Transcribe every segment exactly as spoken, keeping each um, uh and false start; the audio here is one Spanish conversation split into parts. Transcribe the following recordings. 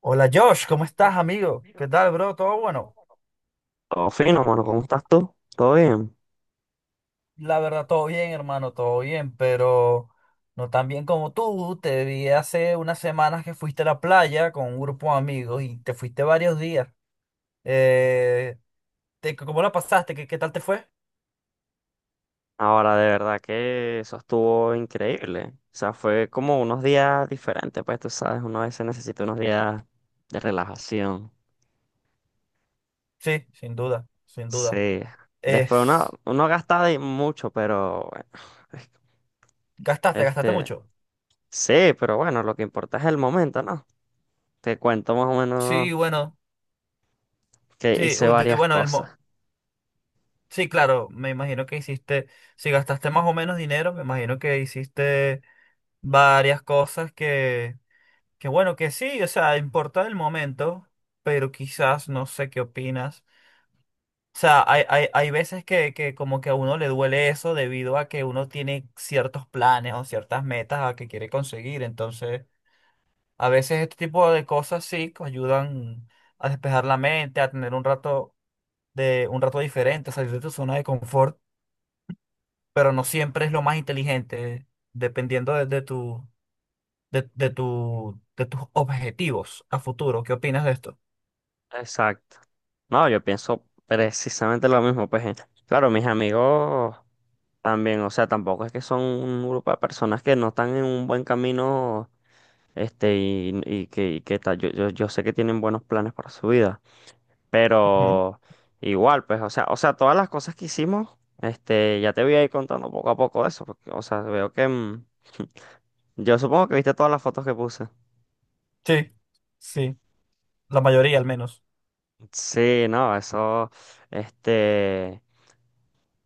Hola Josh, Yo, ¿cómo ¿cómo? estás, amigo? ¿Qué tal, bro? ¿Todo bueno? Todo fino, mano, ¿cómo estás tú? ¿Todo bien? La verdad, todo bien, hermano, todo bien, pero no tan bien como tú. Te vi hace unas semanas que fuiste a la playa con un grupo de amigos y te fuiste varios días. Eh, te- ¿Cómo la pasaste? ¿Qué, qué tal te fue? Ahora, de verdad que eso estuvo increíble. O sea, fue como unos días diferentes, pues tú sabes, uno a veces necesita unos días de relajación. Sí, sin duda, sin duda. Sí. Después uno, Es, uno gasta de mucho, pero bueno, es- gastaste, gastaste este, mucho. sí, pero bueno, lo que importa es el momento, ¿no? Te cuento más o menos Sí, bueno, que sí, hice u- de- varias bueno, el, mo- cosas. Sí, claro, me imagino que hiciste, si gastaste más o menos dinero, me imagino que hiciste varias cosas que, que bueno, que sí, o sea, importa el momento, pero quizás no sé qué opinas. O sea, hay, hay, hay veces que, que como que a uno le duele eso debido a que uno tiene ciertos planes o ciertas metas a que quiere conseguir. Entonces, a veces este tipo de cosas sí que ayudan a despejar la mente, a tener un rato de, un rato diferente, a salir de tu zona de confort. Pero no siempre es lo más inteligente, dependiendo de, de tu, de, de tu, de tus objetivos a futuro. ¿Qué opinas de esto? Exacto. No, yo pienso precisamente lo mismo, pues. eh, Claro, mis amigos también, o sea, tampoco es que son un grupo de personas que no están en un buen camino, este, y, y que, y que tal. Yo, yo, yo sé que tienen buenos planes para su vida, Ujú. pero igual, pues, o sea, o sea, todas las cosas que hicimos, este, ya te voy a ir contando poco a poco eso, porque, o sea, veo que, mm, yo supongo que viste todas las fotos que puse. Sí, sí, la mayoría al menos. Sí, no, eso, este.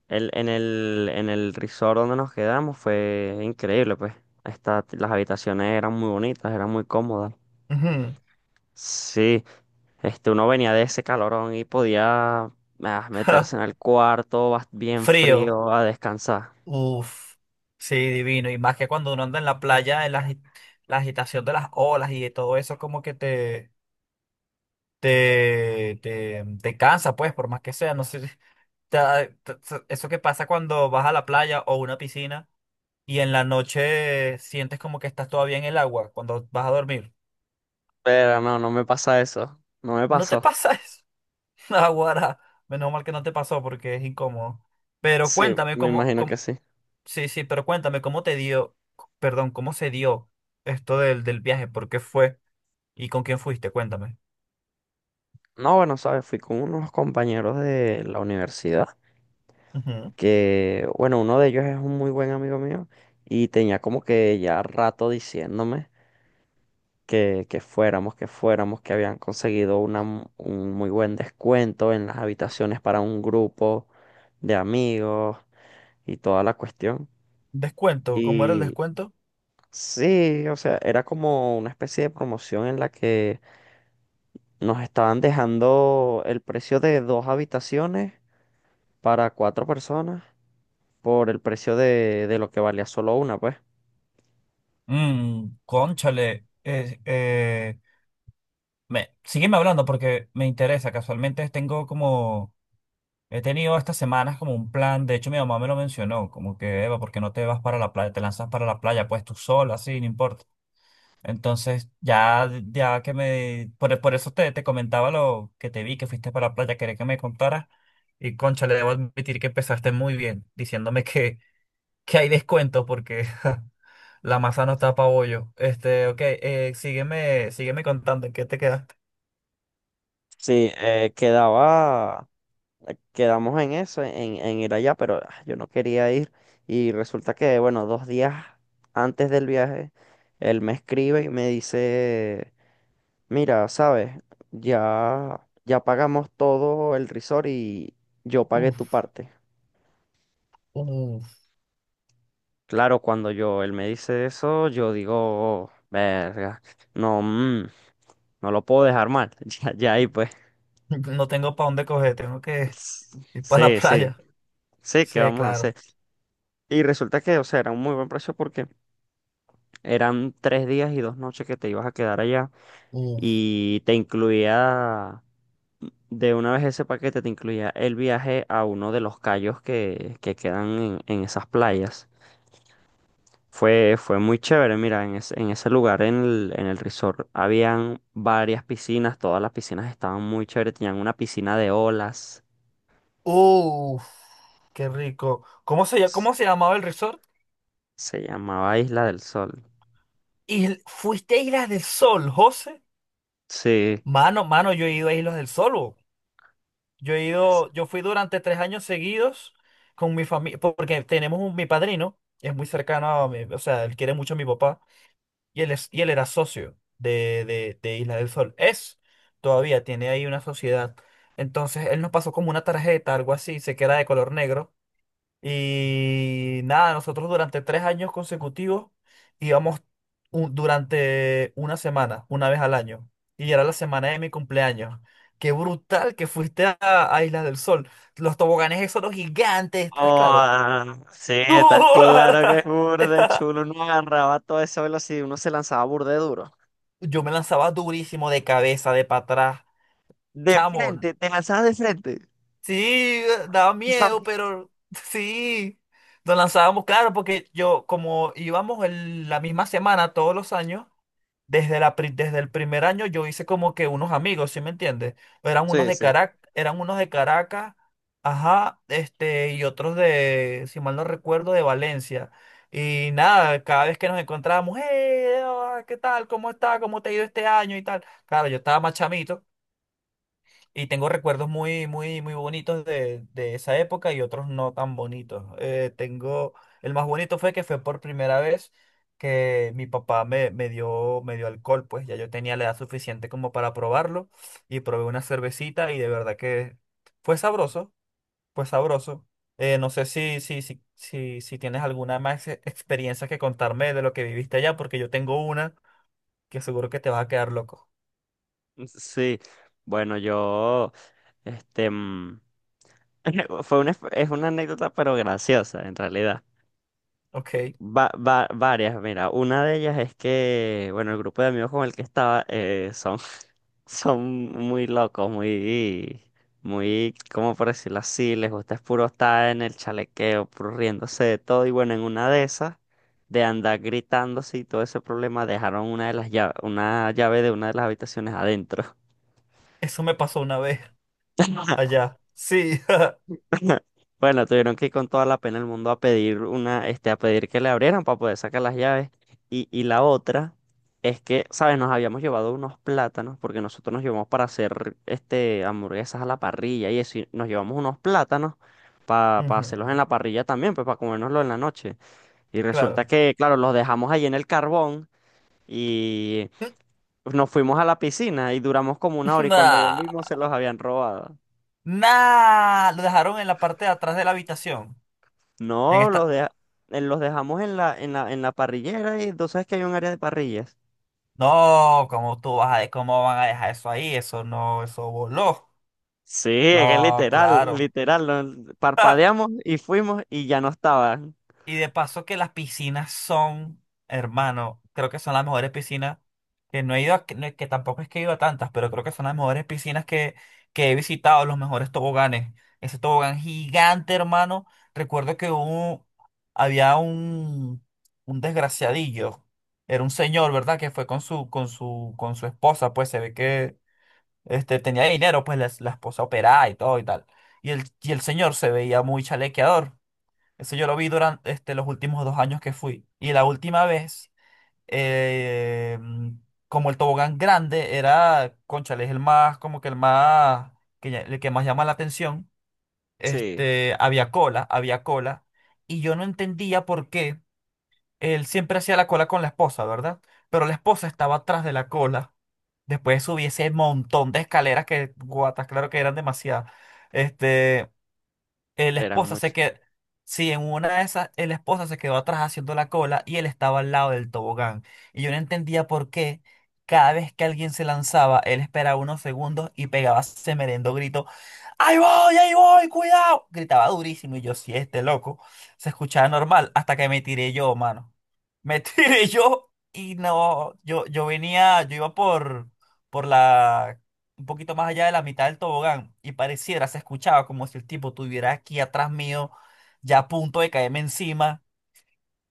El, en el, en el resort donde nos quedamos fue increíble, pues. Esta- las habitaciones eran muy bonitas, eran muy cómodas. Ujú. Sí, este, uno venía de ese calorón y podía ah, meterse en el cuarto bas- bien Frío. frío a descansar. Uf, sí, divino. Y más que cuando uno anda en la playa, en la, agi- la agitación de las olas y de todo eso, como que te, te, te, te cansa, pues, por más que sea. No sé, si- te ha- te- te- Eso que pasa cuando vas a la playa o una piscina y en la noche sientes como que estás todavía en el agua cuando vas a dormir. Pero no, no me pasa eso. No me ¿No te pasó. pasa eso? Aguara. Menos mal que no te pasó porque es incómodo. Pero Sí, cuéntame, me cómo imagino que sí. Sí, sí, pero cuéntame, ¿cómo te dio, c- perdón, ¿cómo se dio esto del, del viaje? ¿Por qué fue? ¿Y con quién fuiste? Cuéntame. No, bueno, sabes, fui con unos compañeros de la universidad, Ujú. que, bueno, uno de ellos es un muy buen amigo mío y tenía como que ya rato diciéndome que, que fuéramos, que fuéramos, que habían conseguido una m- un muy buen descuento en las habitaciones para un grupo de amigos y toda la cuestión. Descuento, ¿cómo era el Y descuento? sí, o sea, era como una especie de promoción en la que nos estaban dejando el precio de dos habitaciones para cuatro personas por el precio de, de lo que valía solo una, pues. Mmm, cónchale. Eh, eh, me, sígueme hablando porque me interesa. Casualmente tengo como. He tenido estas semanas como un plan. De hecho, mi mamá me lo mencionó. Como que, Eva, ¿por qué no te vas para la playa? Te lanzas para la playa, pues tú sola, así, no importa. Entonces, ya, ya que me... Por, por eso te, te comentaba lo que te vi, que fuiste para la playa, quería que me contaras. Y concha, le debo admitir que empezaste muy bien, diciéndome que, que hay descuento porque la masa no está pa bollo. Este, ok, eh, sígueme, sígueme contando en qué te quedaste. Sí, eh, quedaba eh, Quedamos en eso, en, en ir allá, pero ah, yo no quería ir. Y resulta que, bueno, dos días antes del viaje, él me escribe y me dice, mira, sabes, ya, ya pagamos todo el resort y yo pagué tu Uf, parte. uf, Claro, cuando yo, él me dice eso, yo digo, verga, no, mm, no lo puedo dejar mal. Ya, ya ahí pues. no tengo para dónde coger, tengo que ir para la Sí, sí, playa. sí, ¿qué Sí, vamos a hacer? claro. Y resulta que, o sea, era un muy buen precio porque eran tres días y dos noches que te ibas a quedar allá Uf, y te incluía, de una vez ese paquete, te incluía el viaje a uno de los cayos que, que quedan en, en esas playas. Fue, fue muy chévere, mira, en ese, en ese lugar, en el, en el resort, habían varias piscinas, todas las piscinas estaban muy chéveres, tenían una piscina de olas, uf, qué rico. ¿Cómo se, ll- s- ¿Cómo se llamaba el resort? se llamaba Isla del Sol. Y fuiste a Islas del Sol, José. Sí, Mano, mano, yo he ido a Islas del Sol. Bo. Yo he ido, yo fui durante tres años seguidos con mi familia, porque tenemos un, mi padrino, es muy cercano a mi, o sea, él quiere mucho a mi papá, y él es, y él era socio de, de, de Islas del Sol. Es, todavía tiene ahí una sociedad. Entonces, él nos pasó como una tarjeta, algo así, se queda de color negro. Y nada, nosotros durante tres años consecutivos íbamos un- durante una semana, una vez al año. Y era la semana de mi cumpleaños. Qué brutal que fuiste a, a Islas del Sol. Los toboganes esos los gigantes, ¿estás claro? oh, sí, estás claro que es burde chulo. Uno agarraba todo esa velocidad y uno se lanzaba burde duro. Yo me lanzaba durísimo de cabeza, de para atrás. De Chamo, frente, te lanzabas de frente. sí, daba miedo, pero sí. Nos lanzábamos, claro, porque yo, como íbamos el- la misma semana todos los años, Desde la, pri- desde el primer año yo hice como que unos amigos, ¿sí me entiendes? Eran unos Sí, de sí. Caracas, eran unos de Caracas, ajá, este, y otros de, si mal no recuerdo, de Valencia. Y nada, cada vez que nos encontrábamos, hey, hola, ¿qué tal? ¿Cómo está? ¿Cómo te ha ido este año? Y tal. Claro, yo estaba más chamito, y tengo recuerdos muy, muy, muy bonitos de, de esa época y otros no tan bonitos. Eh, tengo, el más bonito fue que fue por primera vez que mi papá me, me dio, me dio alcohol, pues ya yo tenía la edad suficiente como para probarlo y probé una cervecita y de verdad que fue sabroso, fue sabroso. Eh, no sé si, si, si, si, si tienes alguna más e- experiencia que contarme de lo que viviste allá, porque yo tengo una que seguro que te vas a quedar loco. Sí. Bueno, yo, este, mm, fue una, es una anécdota, pero graciosa, en realidad. Ok, Va, va- varias, mira, una de ellas es que, bueno, el grupo de amigos con el que estaba, eh, son Son muy locos, muy, muy, ¿cómo por decirlo así? Les gusta es puro estar en el chalequeo, puro riéndose de todo. Y bueno, en una de esas, de andar gritándose y todo ese problema, dejaron una de las llaves, una llave de una de las habitaciones adentro. eso me pasó una vez allá. Sí. Bueno, tuvieron que ir con toda la pena del mundo a pedir una, este, a pedir que le abrieran para poder sacar las llaves. Y, y la otra es que, ¿sabes? Nos habíamos llevado unos plátanos, porque nosotros nos llevamos para hacer este hamburguesas a la parrilla y eso, y nos llevamos unos plátanos para hacerlos Ujú, en la parrilla también, pues para comérnoslo en la noche. Y resulta claro. que, claro, los dejamos ahí en el carbón y nos fuimos a la piscina y duramos como una hora y cuando Nah, volvimos se los habían robado. nah, lo dejaron en la parte de atrás de la habitación. En No, los, esta. deja- eh, los dejamos en la, en la, en la parrillera y tú sabes que hay un área de parrillas. No, ¿cómo tú vas a, cómo van a dejar eso ahí? Eso no, eso voló. Sí, es que No, literal, claro. literal. lo- Parpadeamos y fuimos y ya no estaban. Y de paso que las piscinas son, hermano, creo que son las mejores piscinas que no he ido, a- que, no es que tampoco es que he ido a tantas, pero creo que son las mejores piscinas que, que he visitado, los mejores toboganes. Ese tobogán gigante, hermano. Recuerdo que hubo, Había un, un desgraciadillo. Era un señor, ¿verdad? Que fue con su, con su, con su esposa, pues se ve que este, tenía dinero, pues la, la esposa operaba y todo y tal. Y el, y el señor se veía muy chalequeador. Eso yo lo vi durante este, los últimos dos años que fui. Y la última vez, eh, mm, como el tobogán grande era, cónchale, es el más, como que el más, que, ya- el que más llama la atención, Sí, este, había cola, había cola. Y yo no entendía por qué él siempre hacía la cola con la esposa, ¿verdad? Pero la esposa estaba atrás de la cola. Después subí ese montón de escaleras que, guatas, claro que eran demasiadas. Este. El eran esposa se muchos. quedó, sí, en una de esas, el esposa se quedó atrás haciendo la cola y él estaba al lado del tobogán. Y yo no entendía por qué cada vez que alguien se lanzaba, él esperaba unos segundos y pegaba ese merendo grito, ¡Ahí voy, ahí voy, cuidado! Gritaba durísimo y yo, sí, este loco, se escuchaba normal hasta que me tiré yo, mano. Me tiré yo y no, yo, yo venía, yo iba por, por la un poquito más allá de la mitad del tobogán y pareciera, se escuchaba como si el tipo estuviera aquí atrás mío, ya a punto de caerme encima.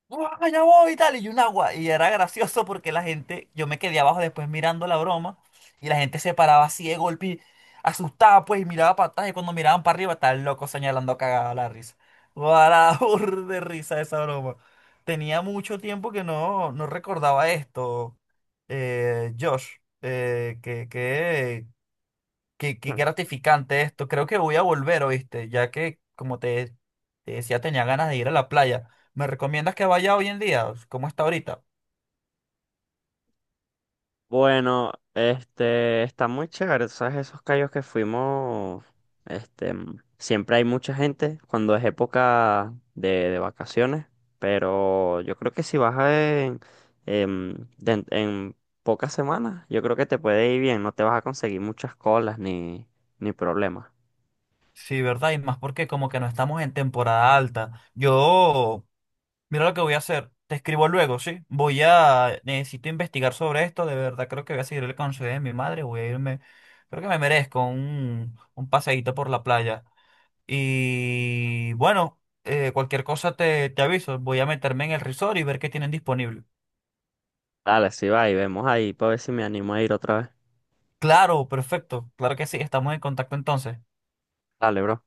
¡Uah, ya voy! Y tal, y un agua. Y era gracioso porque la gente, yo me quedé abajo después mirando la broma y la gente se paraba así de golpe, y asustada pues, y miraba para atrás y cuando miraban para arriba estaba el loco señalando cagada la risa. ¡Guau, de risa esa broma! Tenía mucho tiempo que no, no recordaba esto, eh, Josh. Eh, que, Qué, qué gratificante esto. Creo que voy a volver, ¿oíste? Ya que, como te, te decía, tenía ganas de ir a la playa. ¿Me recomiendas que vaya hoy en día? ¿Cómo está ahorita? Bueno, este, está muy chévere, ¿sabes? Esos callos que fuimos, este, mm, siempre hay mucha gente cuando es época de, de vacaciones, pero yo creo que si vas a en, en, den- en pocas semanas, yo creo que te puede ir bien, no te vas a conseguir muchas colas ni, ni problemas. Sí, ¿verdad? Y más porque como que no estamos en temporada alta. Yo, mira lo que voy a hacer. Te escribo luego, ¿sí? Voy a, necesito investigar sobre esto. De verdad, creo que voy a seguir el consejo de mi madre. Voy a irme, creo que me merezco un, un paseíto por la playa. Y bueno, eh, cualquier cosa te, te aviso. Voy a meterme en el resort y ver qué tienen disponible. Dale, si va y vemos ahí, para ver si me animo a ir otra vez. Claro, perfecto. Claro que sí. Estamos en contacto entonces. Dale, bro.